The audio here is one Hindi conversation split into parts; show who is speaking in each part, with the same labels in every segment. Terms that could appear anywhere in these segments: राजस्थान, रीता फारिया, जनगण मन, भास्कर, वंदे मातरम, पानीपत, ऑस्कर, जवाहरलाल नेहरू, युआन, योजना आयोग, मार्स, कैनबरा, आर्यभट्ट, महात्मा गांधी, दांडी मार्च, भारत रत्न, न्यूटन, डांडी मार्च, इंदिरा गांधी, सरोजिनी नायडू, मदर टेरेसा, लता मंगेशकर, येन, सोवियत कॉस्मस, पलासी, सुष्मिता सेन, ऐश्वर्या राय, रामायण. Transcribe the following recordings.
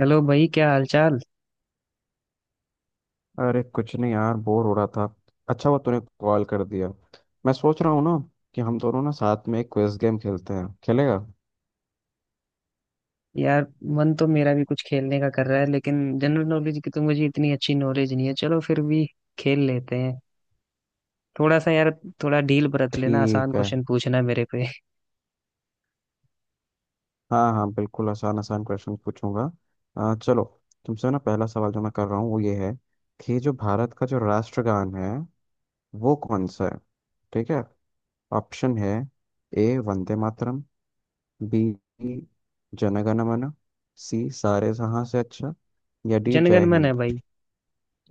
Speaker 1: हेलो भाई, क्या हालचाल।
Speaker 2: अरे कुछ नहीं यार, बोर हो रहा था। अच्छा हुआ तूने कॉल कर दिया। मैं सोच रहा हूँ ना कि हम दोनों ना साथ में एक क्विज गेम खेलते हैं, खेलेगा?
Speaker 1: यार, मन तो मेरा भी कुछ खेलने का कर रहा है, लेकिन जनरल नॉलेज की तो मुझे इतनी अच्छी नॉलेज नहीं है। चलो फिर भी खेल लेते हैं। थोड़ा सा यार, थोड़ा ढील बरत लेना, आसान
Speaker 2: ठीक है।
Speaker 1: क्वेश्चन पूछना मेरे पे।
Speaker 2: हाँ हाँ, बिल्कुल आसान आसान क्वेश्चन पूछूंगा। चलो। तुमसे ना पहला सवाल जो मैं कर रहा हूँ वो ये है कि जो भारत का जो राष्ट्रगान है वो कौन सा है? ठीक है। ऑप्शन है। ए वंदे मातरम, बी जनगण मन, सी सारे जहां से अच्छा, या डी
Speaker 1: जनगण
Speaker 2: जय
Speaker 1: मन है
Speaker 2: हिंद।
Speaker 1: भाई।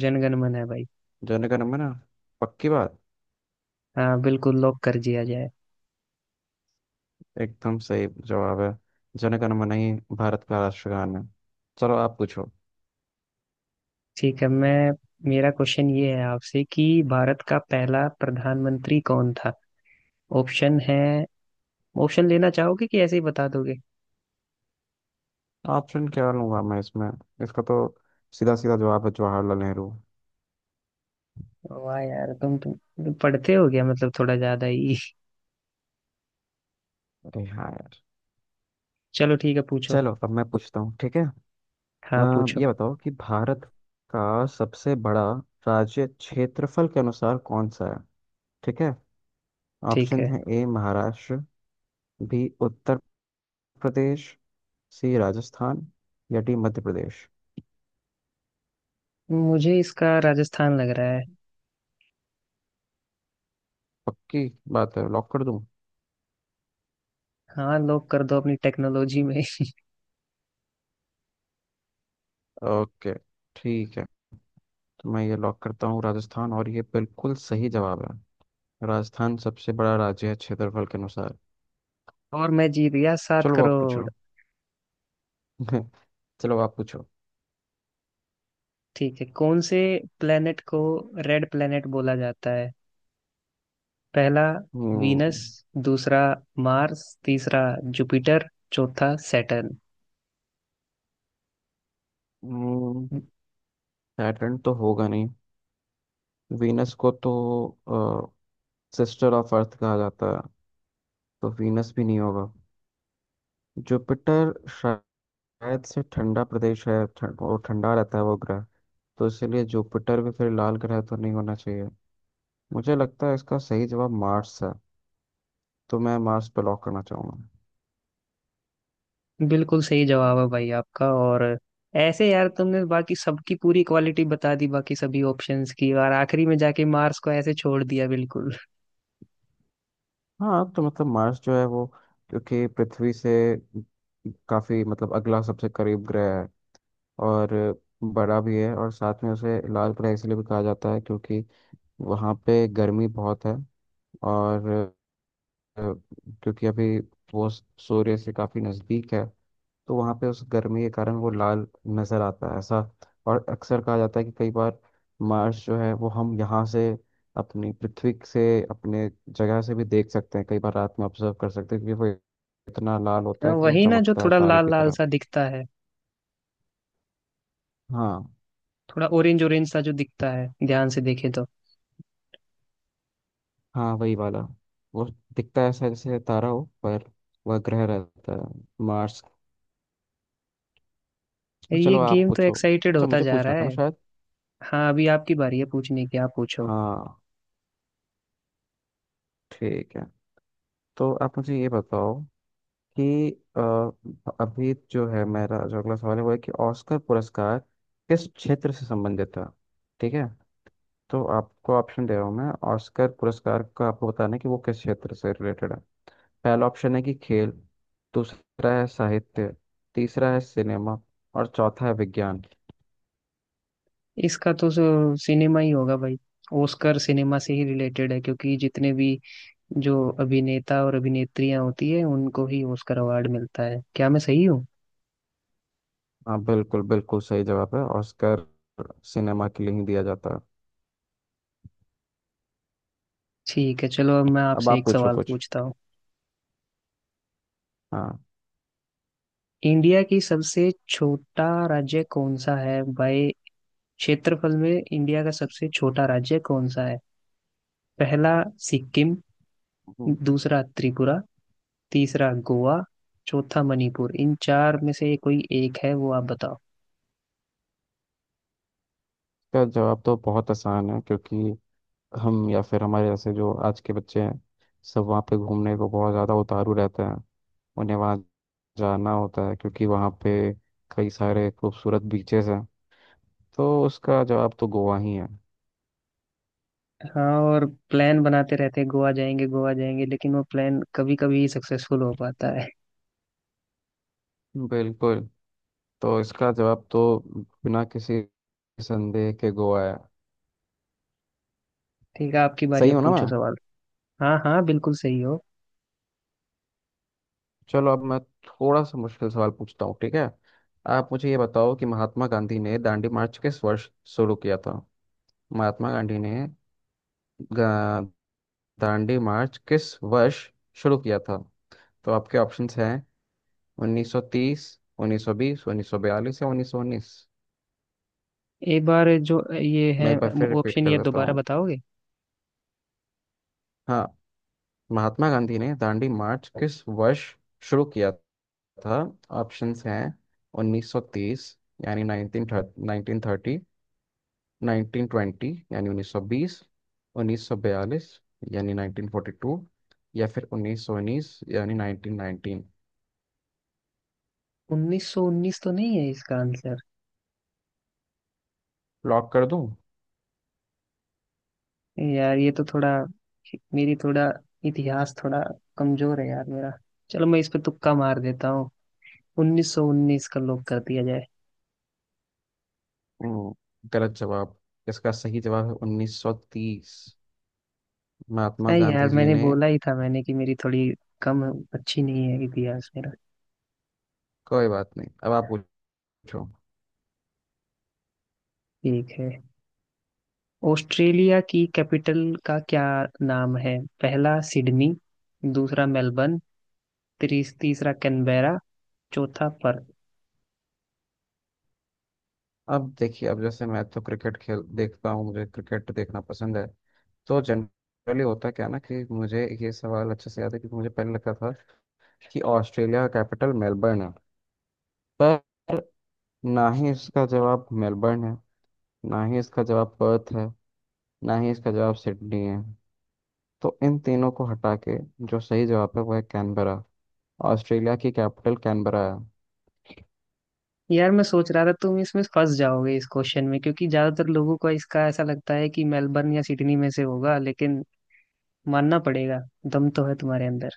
Speaker 1: जनगण मन है भाई।
Speaker 2: जनगण मन? पक्की बात।
Speaker 1: हाँ, बिल्कुल लॉक कर दिया जाए।
Speaker 2: एकदम सही जवाब है। जन गण मन ही भारत का राष्ट्रगान है। चलो आप पूछो।
Speaker 1: ठीक है, मैं मेरा क्वेश्चन ये है आपसे कि भारत का पहला प्रधानमंत्री कौन था। ऑप्शन है, ऑप्शन लेना चाहोगे कि ऐसे ही बता दोगे।
Speaker 2: ऑप्शन क्या लूंगा मैं इसमें? इसका तो सीधा सीधा जवाब है, जवाहरलाल नेहरू।
Speaker 1: वाह यार, तुम पढ़ते हो गया, मतलब थोड़ा ज्यादा ही।
Speaker 2: अरे हाँ यार।
Speaker 1: चलो ठीक है, पूछो।
Speaker 2: चलो अब मैं पूछता हूँ, ठीक है? अ,
Speaker 1: हाँ पूछो।
Speaker 2: ये बताओ कि भारत का सबसे बड़ा राज्य क्षेत्रफल के अनुसार कौन सा है? ठीक है।
Speaker 1: ठीक
Speaker 2: ऑप्शन
Speaker 1: है,
Speaker 2: है A Maharashtra, B Uttar Pradesh, C राजस्थान, या डी मध्य प्रदेश।
Speaker 1: मुझे इसका राजस्थान लग रहा है।
Speaker 2: पक्की बात है, लॉक कर दूं?
Speaker 1: हाँ लोग कर दो अपनी टेक्नोलॉजी में।
Speaker 2: ओके ठीक है। तो मैं ये लॉक करता हूँ राजस्थान, और ये बिल्कुल सही जवाब है। राजस्थान सबसे बड़ा राज्य है क्षेत्रफल के अनुसार।
Speaker 1: और मैं जीत गया सात
Speaker 2: चलो आप
Speaker 1: करोड़
Speaker 2: पूछो। चलो आप पूछो।
Speaker 1: ठीक है, कौन से प्लेनेट को रेड प्लेनेट बोला जाता है। पहला
Speaker 2: हम्म।
Speaker 1: वीनस, दूसरा मार्स, तीसरा जुपिटर, चौथा सैटर्न।
Speaker 2: सैटर्न तो होगा नहीं। वीनस को तो सिस्टर ऑफ अर्थ कहा जाता है, तो वीनस भी नहीं होगा। जुपिटर शायद से ठंडा प्रदेश है, वो ठंडा रहता है वो ग्रह। तो इसलिए जुपिटर भी फिर लाल ग्रह तो नहीं होना चाहिए। मुझे लगता है इसका सही जवाब मार्स है। तो मैं मार्स पे लॉक करना चाहूंगा।
Speaker 1: बिल्कुल सही जवाब है भाई आपका। और ऐसे यार, तुमने बाकी सबकी पूरी क्वालिटी बता दी बाकी सभी ऑप्शंस की, और आखिरी में जाके मार्स को ऐसे छोड़ दिया, बिल्कुल।
Speaker 2: हाँ तो मतलब मार्स जो है वो, क्योंकि पृथ्वी से काफी मतलब अगला सबसे करीब ग्रह है और बड़ा भी है। और साथ में उसे लाल ग्रह इसलिए भी कहा जाता है क्योंकि वहाँ पे गर्मी बहुत है। और अ, क्योंकि अभी वो सूर्य से काफी नजदीक है, तो वहाँ पे उस गर्मी के कारण वो लाल नज़र आता है ऐसा। और अक्सर कहा जाता है कि कई बार मार्स जो है वो हम यहाँ से, अपनी पृथ्वी से, अपने जगह से भी देख सकते हैं। कई बार रात में ऑब्जर्व कर सकते हैं क्योंकि वो इतना लाल होता है कि वो
Speaker 1: वही ना, जो
Speaker 2: चमकता है
Speaker 1: थोड़ा
Speaker 2: तारे
Speaker 1: लाल
Speaker 2: की
Speaker 1: लाल
Speaker 2: तरह।
Speaker 1: सा दिखता है,
Speaker 2: हाँ।
Speaker 1: थोड़ा ऑरेंज ऑरेंज सा जो दिखता है, ध्यान से देखे तो।
Speaker 2: हाँ वही वाला। वो दिखता है ऐसा जैसे तारा हो, पर वह ग्रह रहता है, मार्स।
Speaker 1: ये
Speaker 2: चलो आप
Speaker 1: गेम तो
Speaker 2: पूछो।
Speaker 1: एक्साइटेड
Speaker 2: अच्छा
Speaker 1: होता
Speaker 2: मुझे
Speaker 1: जा
Speaker 2: पूछना
Speaker 1: रहा
Speaker 2: था ना
Speaker 1: है।
Speaker 2: शायद।
Speaker 1: हाँ अभी आपकी बारी है पूछने की, आप पूछो।
Speaker 2: हाँ ठीक है। तो आप मुझे ये बताओ कि अ, अभी जो है मेरा जो अगला सवाल है वो है कि ऑस्कर पुरस्कार किस क्षेत्र से संबंधित है? ठीक है। तो आपको ऑप्शन दे रहा हूँ मैं। ऑस्कर पुरस्कार का आपको बताना है कि वो किस क्षेत्र से रिलेटेड है। पहला ऑप्शन है कि खेल, दूसरा है साहित्य, तीसरा है सिनेमा, और चौथा है विज्ञान।
Speaker 1: इसका तो सिनेमा ही होगा भाई। ओस्कर सिनेमा से ही रिलेटेड है, क्योंकि जितने भी जो अभिनेता और अभिनेत्रियां होती है उनको ही ओस्कर अवार्ड मिलता है। क्या मैं सही हूँ।
Speaker 2: हाँ बिल्कुल बिल्कुल सही जवाब है। ऑस्कर सिनेमा के लिए ही दिया जाता है।
Speaker 1: ठीक है, चलो अब मैं
Speaker 2: अब
Speaker 1: आपसे
Speaker 2: आप
Speaker 1: एक
Speaker 2: पूछो
Speaker 1: सवाल
Speaker 2: कुछ।
Speaker 1: पूछता हूँ।
Speaker 2: हाँ।
Speaker 1: इंडिया की सबसे छोटा राज्य कौन सा है भाई, क्षेत्रफल में इंडिया का सबसे छोटा राज्य कौन सा है। पहला सिक्किम,
Speaker 2: इसका
Speaker 1: दूसरा त्रिपुरा, तीसरा गोवा, चौथा मणिपुर। इन चार में से कोई एक है, वो आप बताओ।
Speaker 2: जवाब तो बहुत आसान है, क्योंकि हम या फिर हमारे जैसे जो आज के बच्चे हैं, सब वहाँ पे घूमने को बहुत ज़्यादा उतारू रहते हैं। उन्हें वहाँ जाना होता है क्योंकि वहाँ पे कई सारे खूबसूरत बीचेस हैं। तो उसका जवाब तो गोवा ही है।
Speaker 1: हाँ, और प्लान बनाते रहते हैं गोवा जाएंगे गोवा जाएंगे, लेकिन वो प्लान कभी कभी सक्सेसफुल हो पाता है।
Speaker 2: बिल्कुल। तो इसका जवाब तो बिना किसी संदेह के गोवा है।
Speaker 1: ठीक है, आपकी बारी,
Speaker 2: सही
Speaker 1: अब
Speaker 2: हूँ ना मैं?
Speaker 1: पूछो सवाल। हाँ हाँ, बिल्कुल सही हो।
Speaker 2: चलो अब मैं थोड़ा सा मुश्किल सवाल पूछता हूँ, ठीक है? आप मुझे ये बताओ कि महात्मा गांधी ने दांडी मार्च किस वर्ष शुरू किया था? महात्मा गांधी ने गा- दांडी मार्च किस वर्ष शुरू किया था? तो आपके ऑप्शंस हैं 1930, 1920, 1942 या 1919।
Speaker 1: एक बार जो ये है,
Speaker 2: मैं एक बार फिर रिपीट
Speaker 1: ऑप्शन
Speaker 2: कर
Speaker 1: ये
Speaker 2: देता
Speaker 1: दोबारा
Speaker 2: हूँ।
Speaker 1: बताओगे।
Speaker 2: हाँ। महात्मा गांधी ने दांडी मार्च किस वर्ष शुरू किया था? ऑप्शंस हैं 1930 यानी 1930, 1920 यानी 1920, 1942 यानी 1942, या फिर 1919 यानी 1919।
Speaker 1: 1919 तो नहीं है इसका आंसर।
Speaker 2: लॉक कर दूं?
Speaker 1: यार ये तो थोड़ा, मेरी थोड़ा इतिहास थोड़ा कमजोर है यार मेरा। चलो मैं इस पे तुक्का मार देता हूँ, उन्नीस सौ उन्नीस का लॉक कर दिया जाए।
Speaker 2: हम्म, गलत जवाब। इसका सही जवाब है 1930। महात्मा
Speaker 1: अरे यार,
Speaker 2: गांधी जी
Speaker 1: मैंने
Speaker 2: ने।
Speaker 1: बोला ही था मैंने कि मेरी थोड़ी कम अच्छी नहीं है इतिहास मेरा।
Speaker 2: कोई बात नहीं, अब आप पूछो।
Speaker 1: ठीक है, ऑस्ट्रेलिया की कैपिटल का क्या नाम है। पहला सिडनी, दूसरा मेलबर्न, तीसरा कैनबेरा, चौथा पर्थ।
Speaker 2: अब देखिए, अब जैसे मैं तो क्रिकेट खेल देखता हूँ, मुझे क्रिकेट देखना पसंद है। तो जनरली होता क्या है ना कि मुझे ये सवाल अच्छे से याद है क्योंकि मुझे पहले लगता था कि ऑस्ट्रेलिया का कैपिटल मेलबर्न है। पर ना ही इसका जवाब मेलबर्न है, ना ही इसका जवाब पर्थ है, ना ही इसका जवाब सिडनी है। तो इन तीनों को हटा के जो सही जवाब है वो है कैनबरा। ऑस्ट्रेलिया की कैपिटल कैनबरा है।
Speaker 1: यार मैं सोच रहा था तुम इसमें फंस जाओगे इस क्वेश्चन में, क्योंकि ज्यादातर लोगों को इसका ऐसा लगता है कि मेलबर्न या सिडनी में से होगा, लेकिन मानना पड़ेगा, दम तो है तुम्हारे अंदर।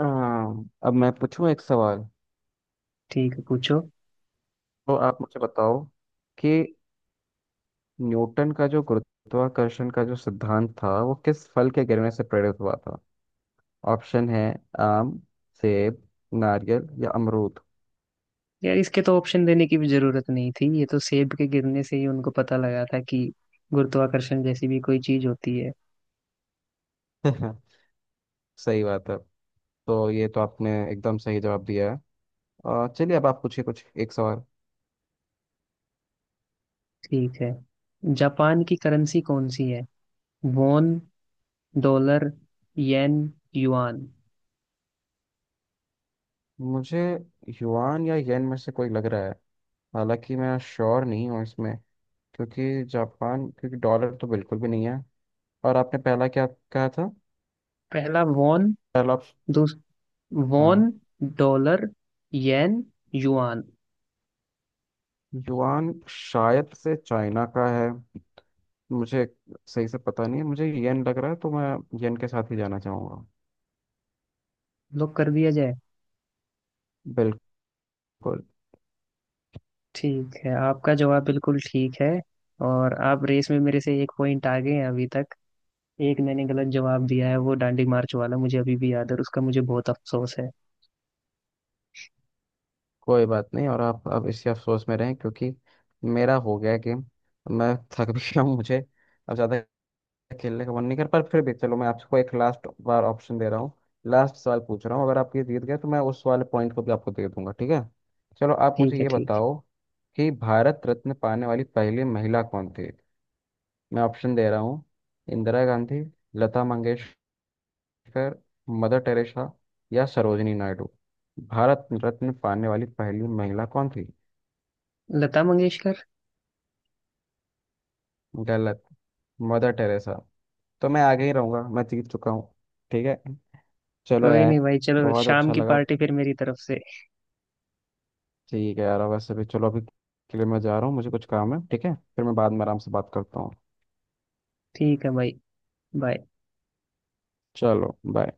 Speaker 2: अब मैं पूछूं एक सवाल।
Speaker 1: ठीक है पूछो।
Speaker 2: तो आप मुझे बताओ कि न्यूटन का जो गुरुत्वाकर्षण का जो सिद्धांत था वो किस फल के गिरने से प्रेरित हुआ था? ऑप्शन है आम, सेब, नारियल या अमरूद।
Speaker 1: यार इसके तो ऑप्शन देने की भी जरूरत नहीं थी, ये तो सेब के गिरने से ही उनको पता लगा था कि गुरुत्वाकर्षण जैसी भी कोई चीज होती है।
Speaker 2: सही बात है। तो ये तो आपने एकदम सही जवाब दिया है। चलिए अब आप पूछिए कुछ एक सवाल।
Speaker 1: ठीक है, जापान की करेंसी कौन सी है। Won, dollar, येन, युआन।
Speaker 2: मुझे युआन या येन में से कोई लग रहा है। हालांकि मैं श्योर नहीं हूँ इसमें, क्योंकि जापान, क्योंकि डॉलर तो बिल्कुल भी नहीं है। और आपने पहला क्या कहा था?
Speaker 1: पहला वॉन,
Speaker 2: पहला।
Speaker 1: दूस वॉन,
Speaker 2: हाँ।
Speaker 1: Dollar, येन, युआन।
Speaker 2: युआन शायद से चाइना का है। मुझे सही से पता नहीं है, मुझे येन लग रहा है, तो मैं येन के साथ ही जाना चाहूँगा।
Speaker 1: लॉक कर दिया जाए।
Speaker 2: बिल्कुल।
Speaker 1: ठीक है, आपका जवाब बिल्कुल ठीक है, और आप रेस में मेरे से एक पॉइंट आगे हैं अभी तक। एक मैंने गलत जवाब दिया है वो डांडी मार्च वाला, मुझे अभी भी याद है और उसका मुझे बहुत अफसोस है।
Speaker 2: कोई बात नहीं, और आप अब इसी अफसोस में रहें क्योंकि मेरा हो गया गेम। मैं थक भी गया हूँ, मुझे अब ज़्यादा खेलने का मन नहीं कर, पर फिर भी चलो मैं आपको एक लास्ट बार ऑप्शन दे रहा हूँ। लास्ट सवाल पूछ रहा हूँ। अगर आप ये जीत गए तो मैं उस वाले पॉइंट को भी आपको दे दूंगा, ठीक है? चलो आप मुझे
Speaker 1: ठीक है,
Speaker 2: ये
Speaker 1: ठीक
Speaker 2: बताओ कि भारत रत्न पाने वाली पहली महिला कौन थी? मैं ऑप्शन दे रहा हूँ। इंदिरा गांधी, लता मंगेशकर, मदर टेरेसा या सरोजिनी नायडू। भारत रत्न पाने वाली पहली महिला कौन थी?
Speaker 1: है। लता मंगेशकर।
Speaker 2: गलत। मदर टेरेसा। तो मैं आगे ही रहूंगा, मैं जीत चुका हूँ। ठीक है। चलो
Speaker 1: कोई नहीं
Speaker 2: यार,
Speaker 1: भाई, चलो
Speaker 2: बहुत
Speaker 1: शाम
Speaker 2: अच्छा
Speaker 1: की
Speaker 2: लगा।
Speaker 1: पार्टी फिर मेरी तरफ से।
Speaker 2: ठीक है यार, वैसे भी चलो अभी के लिए मैं जा रहा हूँ, मुझे कुछ काम है, ठीक है? फिर मैं बाद में आराम से बात करता हूँ।
Speaker 1: ठीक है भाई, बाय।
Speaker 2: चलो बाय।